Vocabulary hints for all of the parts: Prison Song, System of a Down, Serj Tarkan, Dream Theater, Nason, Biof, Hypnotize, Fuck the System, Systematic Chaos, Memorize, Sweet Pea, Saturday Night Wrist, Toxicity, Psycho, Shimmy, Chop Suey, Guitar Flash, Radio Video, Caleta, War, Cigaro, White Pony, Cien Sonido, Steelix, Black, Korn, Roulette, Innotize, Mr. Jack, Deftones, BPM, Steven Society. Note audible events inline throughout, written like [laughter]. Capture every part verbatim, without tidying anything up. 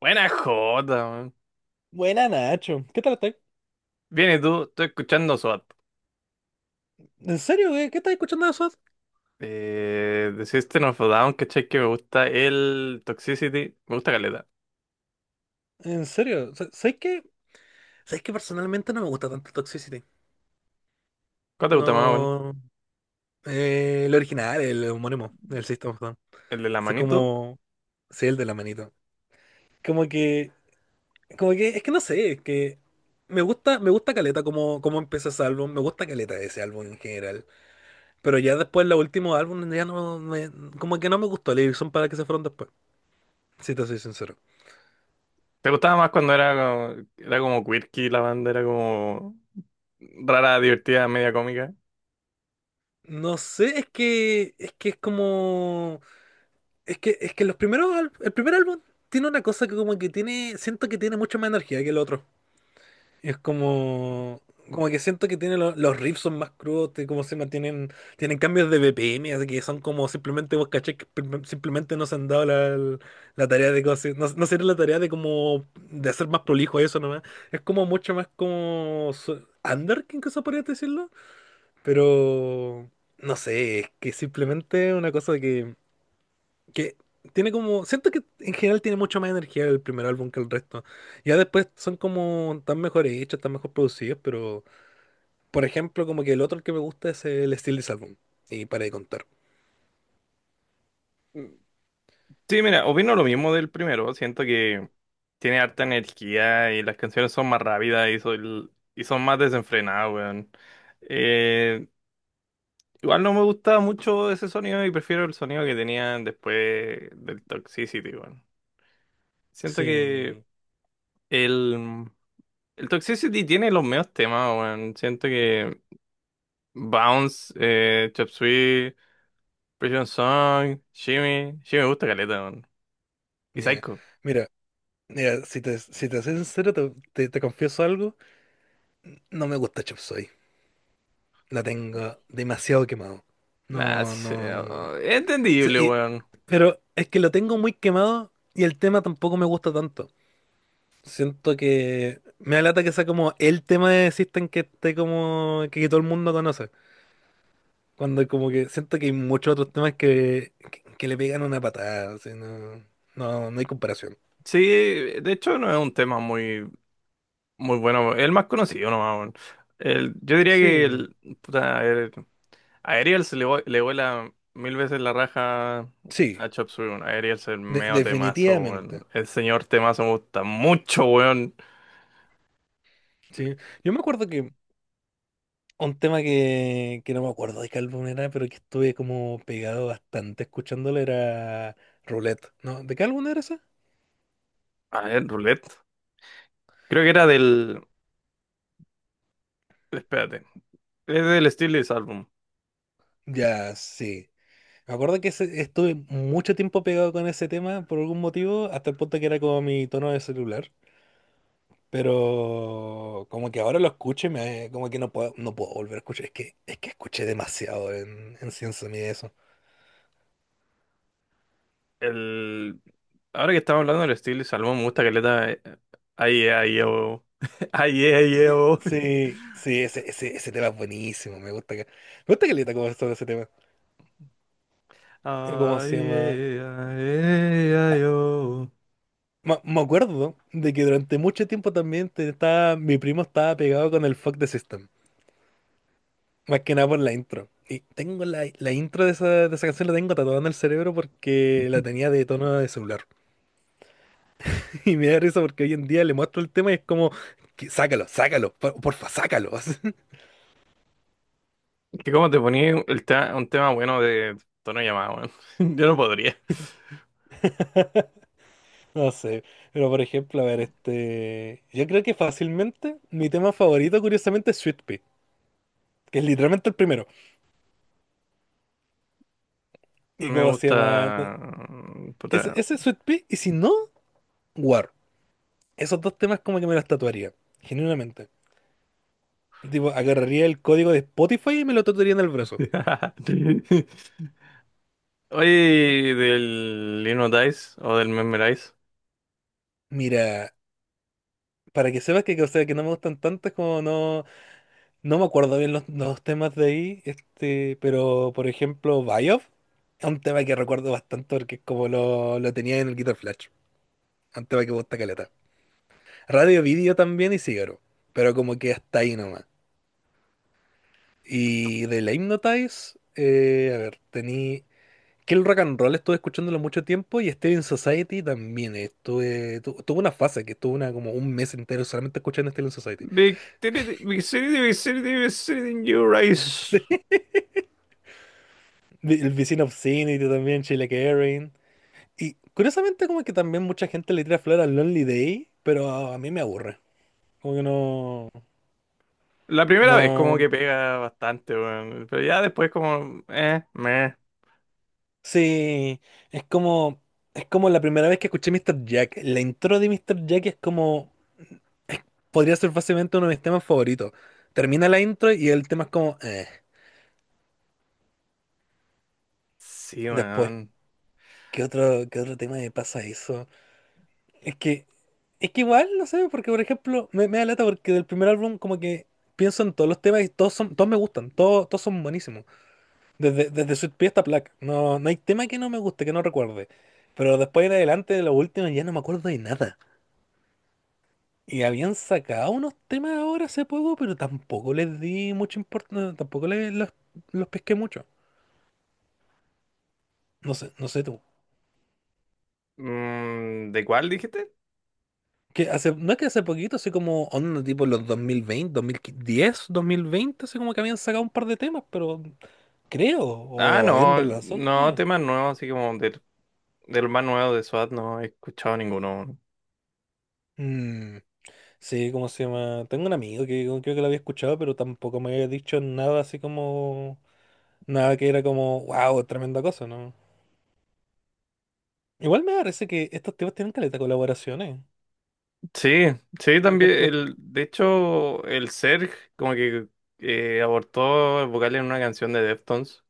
Buena jota, man. Buena, Nacho. ¿Qué tal estás? Bien, ¿y tú? Estoy escuchando SWAT. ¿En serio, güey? ¿Qué estás escuchando de SWAT? Eh, de System of a Down, ¿cachai? Que me gusta el Toxicity. Me gusta caleta. ¿En serio? Sa- ¿Sabéis que, Sabes que personalmente no me gusta tanto Toxicity? ¿Cuál te gusta más, bueno? No. Eh, el original, el homónimo, el System of a Down. ¿El de la O manito? como. Sí, el de la manito. Como que. Como que. Es que no sé, es que. Me gusta, me gusta Caleta como, como empieza ese álbum. Me gusta Caleta ese álbum en general. Pero ya después, los últimos álbumes ya no me. Como que no me gustó la edición para que se fueron después. Si te soy sincero. ¿Te gustaba más cuando era como, era como quirky la banda? Era como rara, divertida, media cómica. No sé, es que es que es como, es que es que los primeros al- el primer álbum tiene una cosa que, como que tiene siento que tiene mucha más energía que el otro. Es como Como que siento que tiene lo- los riffs son más crudos, te- como se mantienen tienen cambios de B P M, así que son como, simplemente, vos caché que prim- simplemente no se han dado la, la tarea de cosas, no, no se dieron la tarea de como, de hacer más prolijo eso nomás. Es como mucho más como su- under, que incluso podrías decirlo. Pero no sé, es que simplemente una cosa que, que tiene como. Siento que en general tiene mucho más energía el primer álbum que el resto. Ya después son como tan mejores hechos, tan mejor producidos, pero, por ejemplo, como que el otro que me gusta es el This Album. Y para de contar. Mm. Sí, mira, opino lo mismo del primero. Siento que tiene harta energía y las canciones son más rápidas y, son y son más desenfrenadas, weón. Eh, Igual no me gustaba mucho ese sonido y prefiero el sonido que tenían después del Toxicity, weón. Siento que Sí. el, el Toxicity tiene los mejores temas, weón. Siento que Bounce, eh, Chop Suey, Prison Song, Shimmy, Shimmy me gusta caleta, weón. Y Yeah. Psycho. Mira, mira, si te, si te soy sincero, te, te- te confieso algo. No me gusta Chop Suey. La tengo demasiado quemado. Ah, No, sí, no. oh, es Sí, entendible, y- weón. pero es que lo tengo muy quemado y el tema tampoco me gusta tanto. Siento que me alata que sea como el tema de System, que esté como que todo el mundo conoce. Cuando como que siento que hay muchos otros temas que, que, que le pegan una patada, así, no, no, no hay comparación. Sí, de hecho no es un tema muy, muy bueno. Es el más conocido nomás, weón. El- yo diría que Sí, el, puta, el- a Ariel se le, vu- le vuela mil veces la raja sí, a Chop Suey, weón. A Ariel es el de- medio temazo, definitivamente. weón. El señor temazo me gusta mucho, weón. Sí. Yo me acuerdo que un tema que, que no me acuerdo de qué álbum era, pero que estuve como pegado bastante escuchándolo, era Roulette. ¿No? ¿De qué álbum era ese? A ver, Roulette. Creo que era del. Espérate. Es del Steelix Album. Ya, sí. Me acuerdo que ese- estuve mucho tiempo pegado con ese tema por algún motivo, hasta el punto que era como mi tono de celular. Pero como que ahora lo escucho y me, eh, como que no puedo, no puedo volver a escuchar. Es que, es que escuché demasiado en, en Cien Sonido eso. El. Ahora que estamos hablando del Steelix Album, me gusta que le da. Ay, ay, oh. [laughs] Ay, ay, Ya. oh. Sí, sí, ese, ese, ese tema es buenísimo. Me gusta que, me gusta que le como sobre ese tema. Eh, ¿Cómo se Ay, llama? ay, ay, Ah, ay, oh. me me acuerdo de que durante mucho tiempo también te- estaba, mi primo estaba pegado con el Fuck the System. Más que nada por la intro. Y tengo la, la intro de esa, de esa canción, la tengo tatuada en el cerebro porque la [laughs] tenía de tono de celular. [laughs] Y me da risa porque hoy en día le muestro el tema y es como, que sácalo, sácalo, por- porfa, sácalo. [laughs] Así. Que como te ponía el te- un tema bueno de tono llamado, weón. [laughs] Yo no podría. No sé, pero, por ejemplo, a ver, este, yo creo que fácilmente mi tema favorito, curiosamente, es Sweet Pea, que es literalmente el primero. No ¿Y me cómo se llama? No, gusta. Ese, Puta. ese es Sweet Pea, y si no, War. Esos dos temas como que me los tatuaría, genuinamente. Tipo, agarraría el código de Spotify y me lo tatuaría en el brazo. [laughs] Oye, del Innotize o del Memorize. Mira, para que sepas que, o sea, que no me gustan tantas como no, no me acuerdo bien los, los temas de ahí, este, pero, por ejemplo, Biof es un tema que recuerdo bastante porque es como lo, lo tenía en el Guitar Flash, un tema que me gusta caleta. Radio Video también y Cigaro, pero como que hasta ahí nomás. Y de la Hypnotize, eh, a ver, tenía que el rock and roll estuve escuchándolo mucho tiempo, y Steven Society también estuve tu- tuve una fase que estuve una, como un mes entero, solamente escuchando Steven Society. Victory, Victory, Victory, Victory in your [laughs] eyes. Sí. El Vicino Obscenity también, Sheila Erin, y curiosamente como que también mucha gente le tira flor al Lonely Day, pero a mí me aburre, como que no, La primera vez como no, que pega bastante, weón. Pero ya después como. Eh, meh. sí. Es como, es como la primera vez que escuché mister Jack, la intro de mister Jack es como, podría ser fácilmente uno de mis temas favoritos, termina la intro y el tema es como, eh. Sí, Después, weón. ¿qué otro, qué otro tema me pasa eso? Es que, es que igual, no sé, porque, por ejemplo, me, me da lata porque del primer álbum como que pienso en todos los temas y todos son, todos me gustan, todos, todos son buenísimos. Desde, desde Sweet Pea hasta Black. No, no hay tema que no me guste, que no recuerde. Pero después en adelante, de los últimos ya no me acuerdo de nada. Y habían sacado unos temas ahora hace poco, pero tampoco les di mucha importancia, tampoco les, los, los pesqué mucho. No sé, no sé tú. Mm, ¿de cuál dijiste? Que hace, no, es que hace poquito, así como onda, tipo los dos dos mil mil veinte, dos mil diez, dos mil veinte, así como que habían sacado un par de temas, pero creo, Ah, o habían no, relanzado los no, temas. temas nuevos, así como del, del más nuevo de SWAT, no he escuchado ninguno. Mm, sí, ¿cómo se llama? Tengo un amigo que creo que lo había escuchado, pero tampoco me había dicho nada así como, nada que era como, wow, tremenda cosa, ¿no? Igual me parece que estos temas tienen caleta de colaboraciones. Sí, sí, Por también. ejemplo, El, de hecho, el Serj como que eh, abortó el vocal en una canción de Deftones.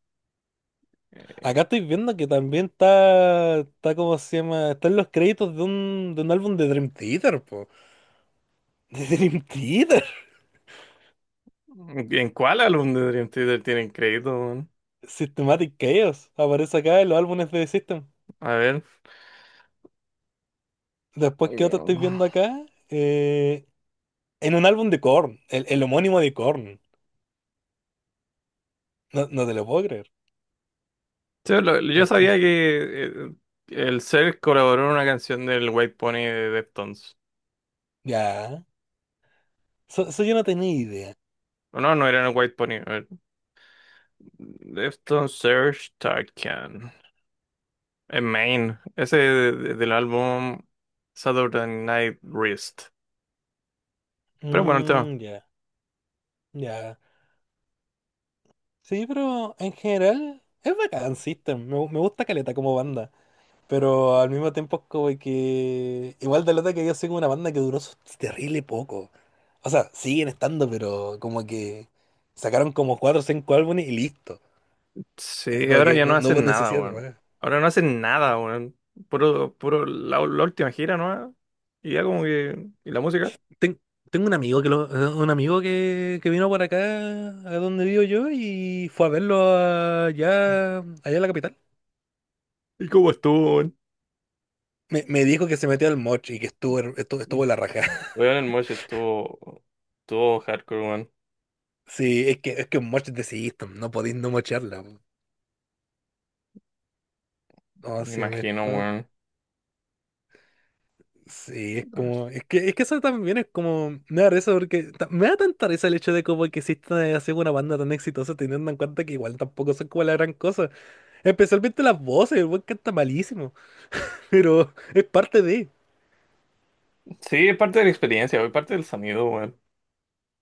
Eh, acá estoy viendo que también está, está, ¿cómo se llama? Están los créditos de un, de un álbum de Dream Theater, po. De Dream Theater. ¿En cuál álbum de Dream Theater tienen crédito, weón? Systematic Chaos. Aparece acá en los álbumes de The System. A ver. Después, ¿qué otro Eh, estoy viendo acá? Eh, en un álbum de Korn. El, el homónimo de Korn. No, no te lo puedo creer. sí, lo- yo Este, sabía que, eh, el Serj colaboró en una canción del White Pony de Deftones. ya. So- Eso yo no tenía idea. O no, no era en el White Pony. A ver. Deftones, Serj Tarkan. En Main. Ese de- de- del álbum Saturday Night Wrist. Pero bueno, el tema. Mm, ya, ya. Sí, pero en general es bacán System. Me, me gusta Caleta como banda. Pero al mismo tiempo es como que. Igual de lata que yo soy como una banda que duró su- terrible poco. O sea, siguen estando, pero como que sacaron como cuatro o cinco álbumes y listo. Eh, Sí, Como ahora que ya no no, no hubo hacen nada, necesidad de weón. más. Ahora no hacen nada, weón. Puro, puro, la, la última gira, ¿no? Y ya como que. ¿Y la música? Ten- Tengo un amigo que lo, un amigo que, que vino por acá a donde vivo yo y fue a verlo allá, allá en la capital. ¿Y cómo estuvo, weón? Me, me dijo que se metió al moch y que estuvo, her- estuvo, estuvo la raja. [laughs] Weón, el Mosh estuvo. Estuvo hardcore, weón. Sí, es que es que un moch es de System, no podéis no mocharla, po. ¿Cómo Me se llama imagino, esto? weón. Sí, es como, es que, es que eso también es como, me da risa porque ta- me da tanta risa el hecho de como que exista así una banda tan exitosa, teniendo en cuenta que igual tampoco son como la gran cosa, especialmente las voces, el buen canta malísimo, pero es parte de, Sí, es parte de la experiencia, weón. Parte del sonido, weón.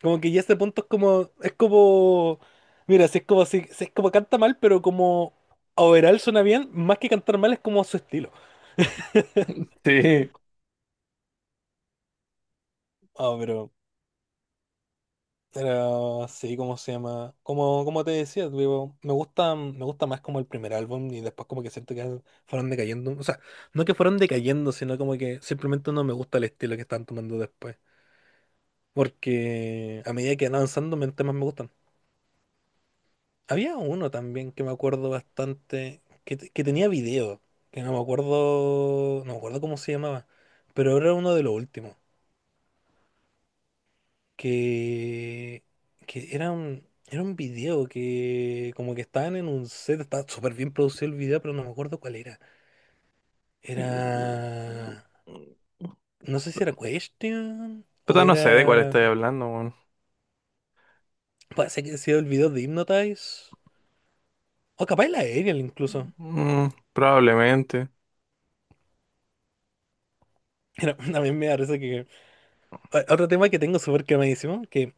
como que ya este punto es como, es como, mira, si es como, si, si es como canta mal, pero como overall suena bien, más que cantar mal es como su estilo. [laughs] Sí. Ah, pero Pero sí, ¿cómo se llama? Como, como te decía, digo, me gusta, me gusta más como el primer álbum, y después como que siento que fueron decayendo. O sea, no que fueron decayendo, sino como que simplemente no me gusta el estilo que están tomando después. Porque a medida que van avanzando, me- temas me gustan. Había uno también que me acuerdo bastante, que te- que tenía video, que no me acuerdo, no me acuerdo cómo se llamaba, pero era uno de los últimos, que, que era un, era un video que como que estaban en un set, estaba súper bien producido el video, pero no me acuerdo cuál era. Era, no sé si era Question o Puta, no sé de cuál era, estoy hablando, weón. parece que ha sido el video de Hypnotize, o capaz la Aerial incluso. Mm, probablemente. Era, [laughs] también me parece que o- otro tema que tengo súper quemadísimo, que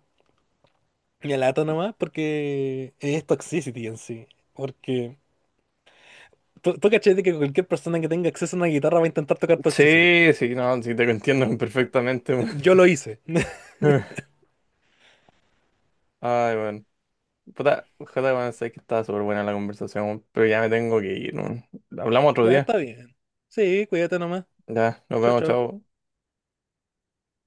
me alato nomás porque es Toxicity en sí, porque... Tú, tú cachai de que cualquier persona que tenga acceso a una guitarra va a intentar tocar Toxicity. Sí, sí, no, sí, te entiendo perfectamente, weón. Yo lo hice. [laughs] [laughs] Ay, weón. Puta, ojalá, bueno, sé que estaba súper buena la conversación, pero ya me tengo que ir, ¿no? Hablamos otro Ya día. está bien. Sí, cuídate nomás. Ya, nos Chao, vemos, chao. chao.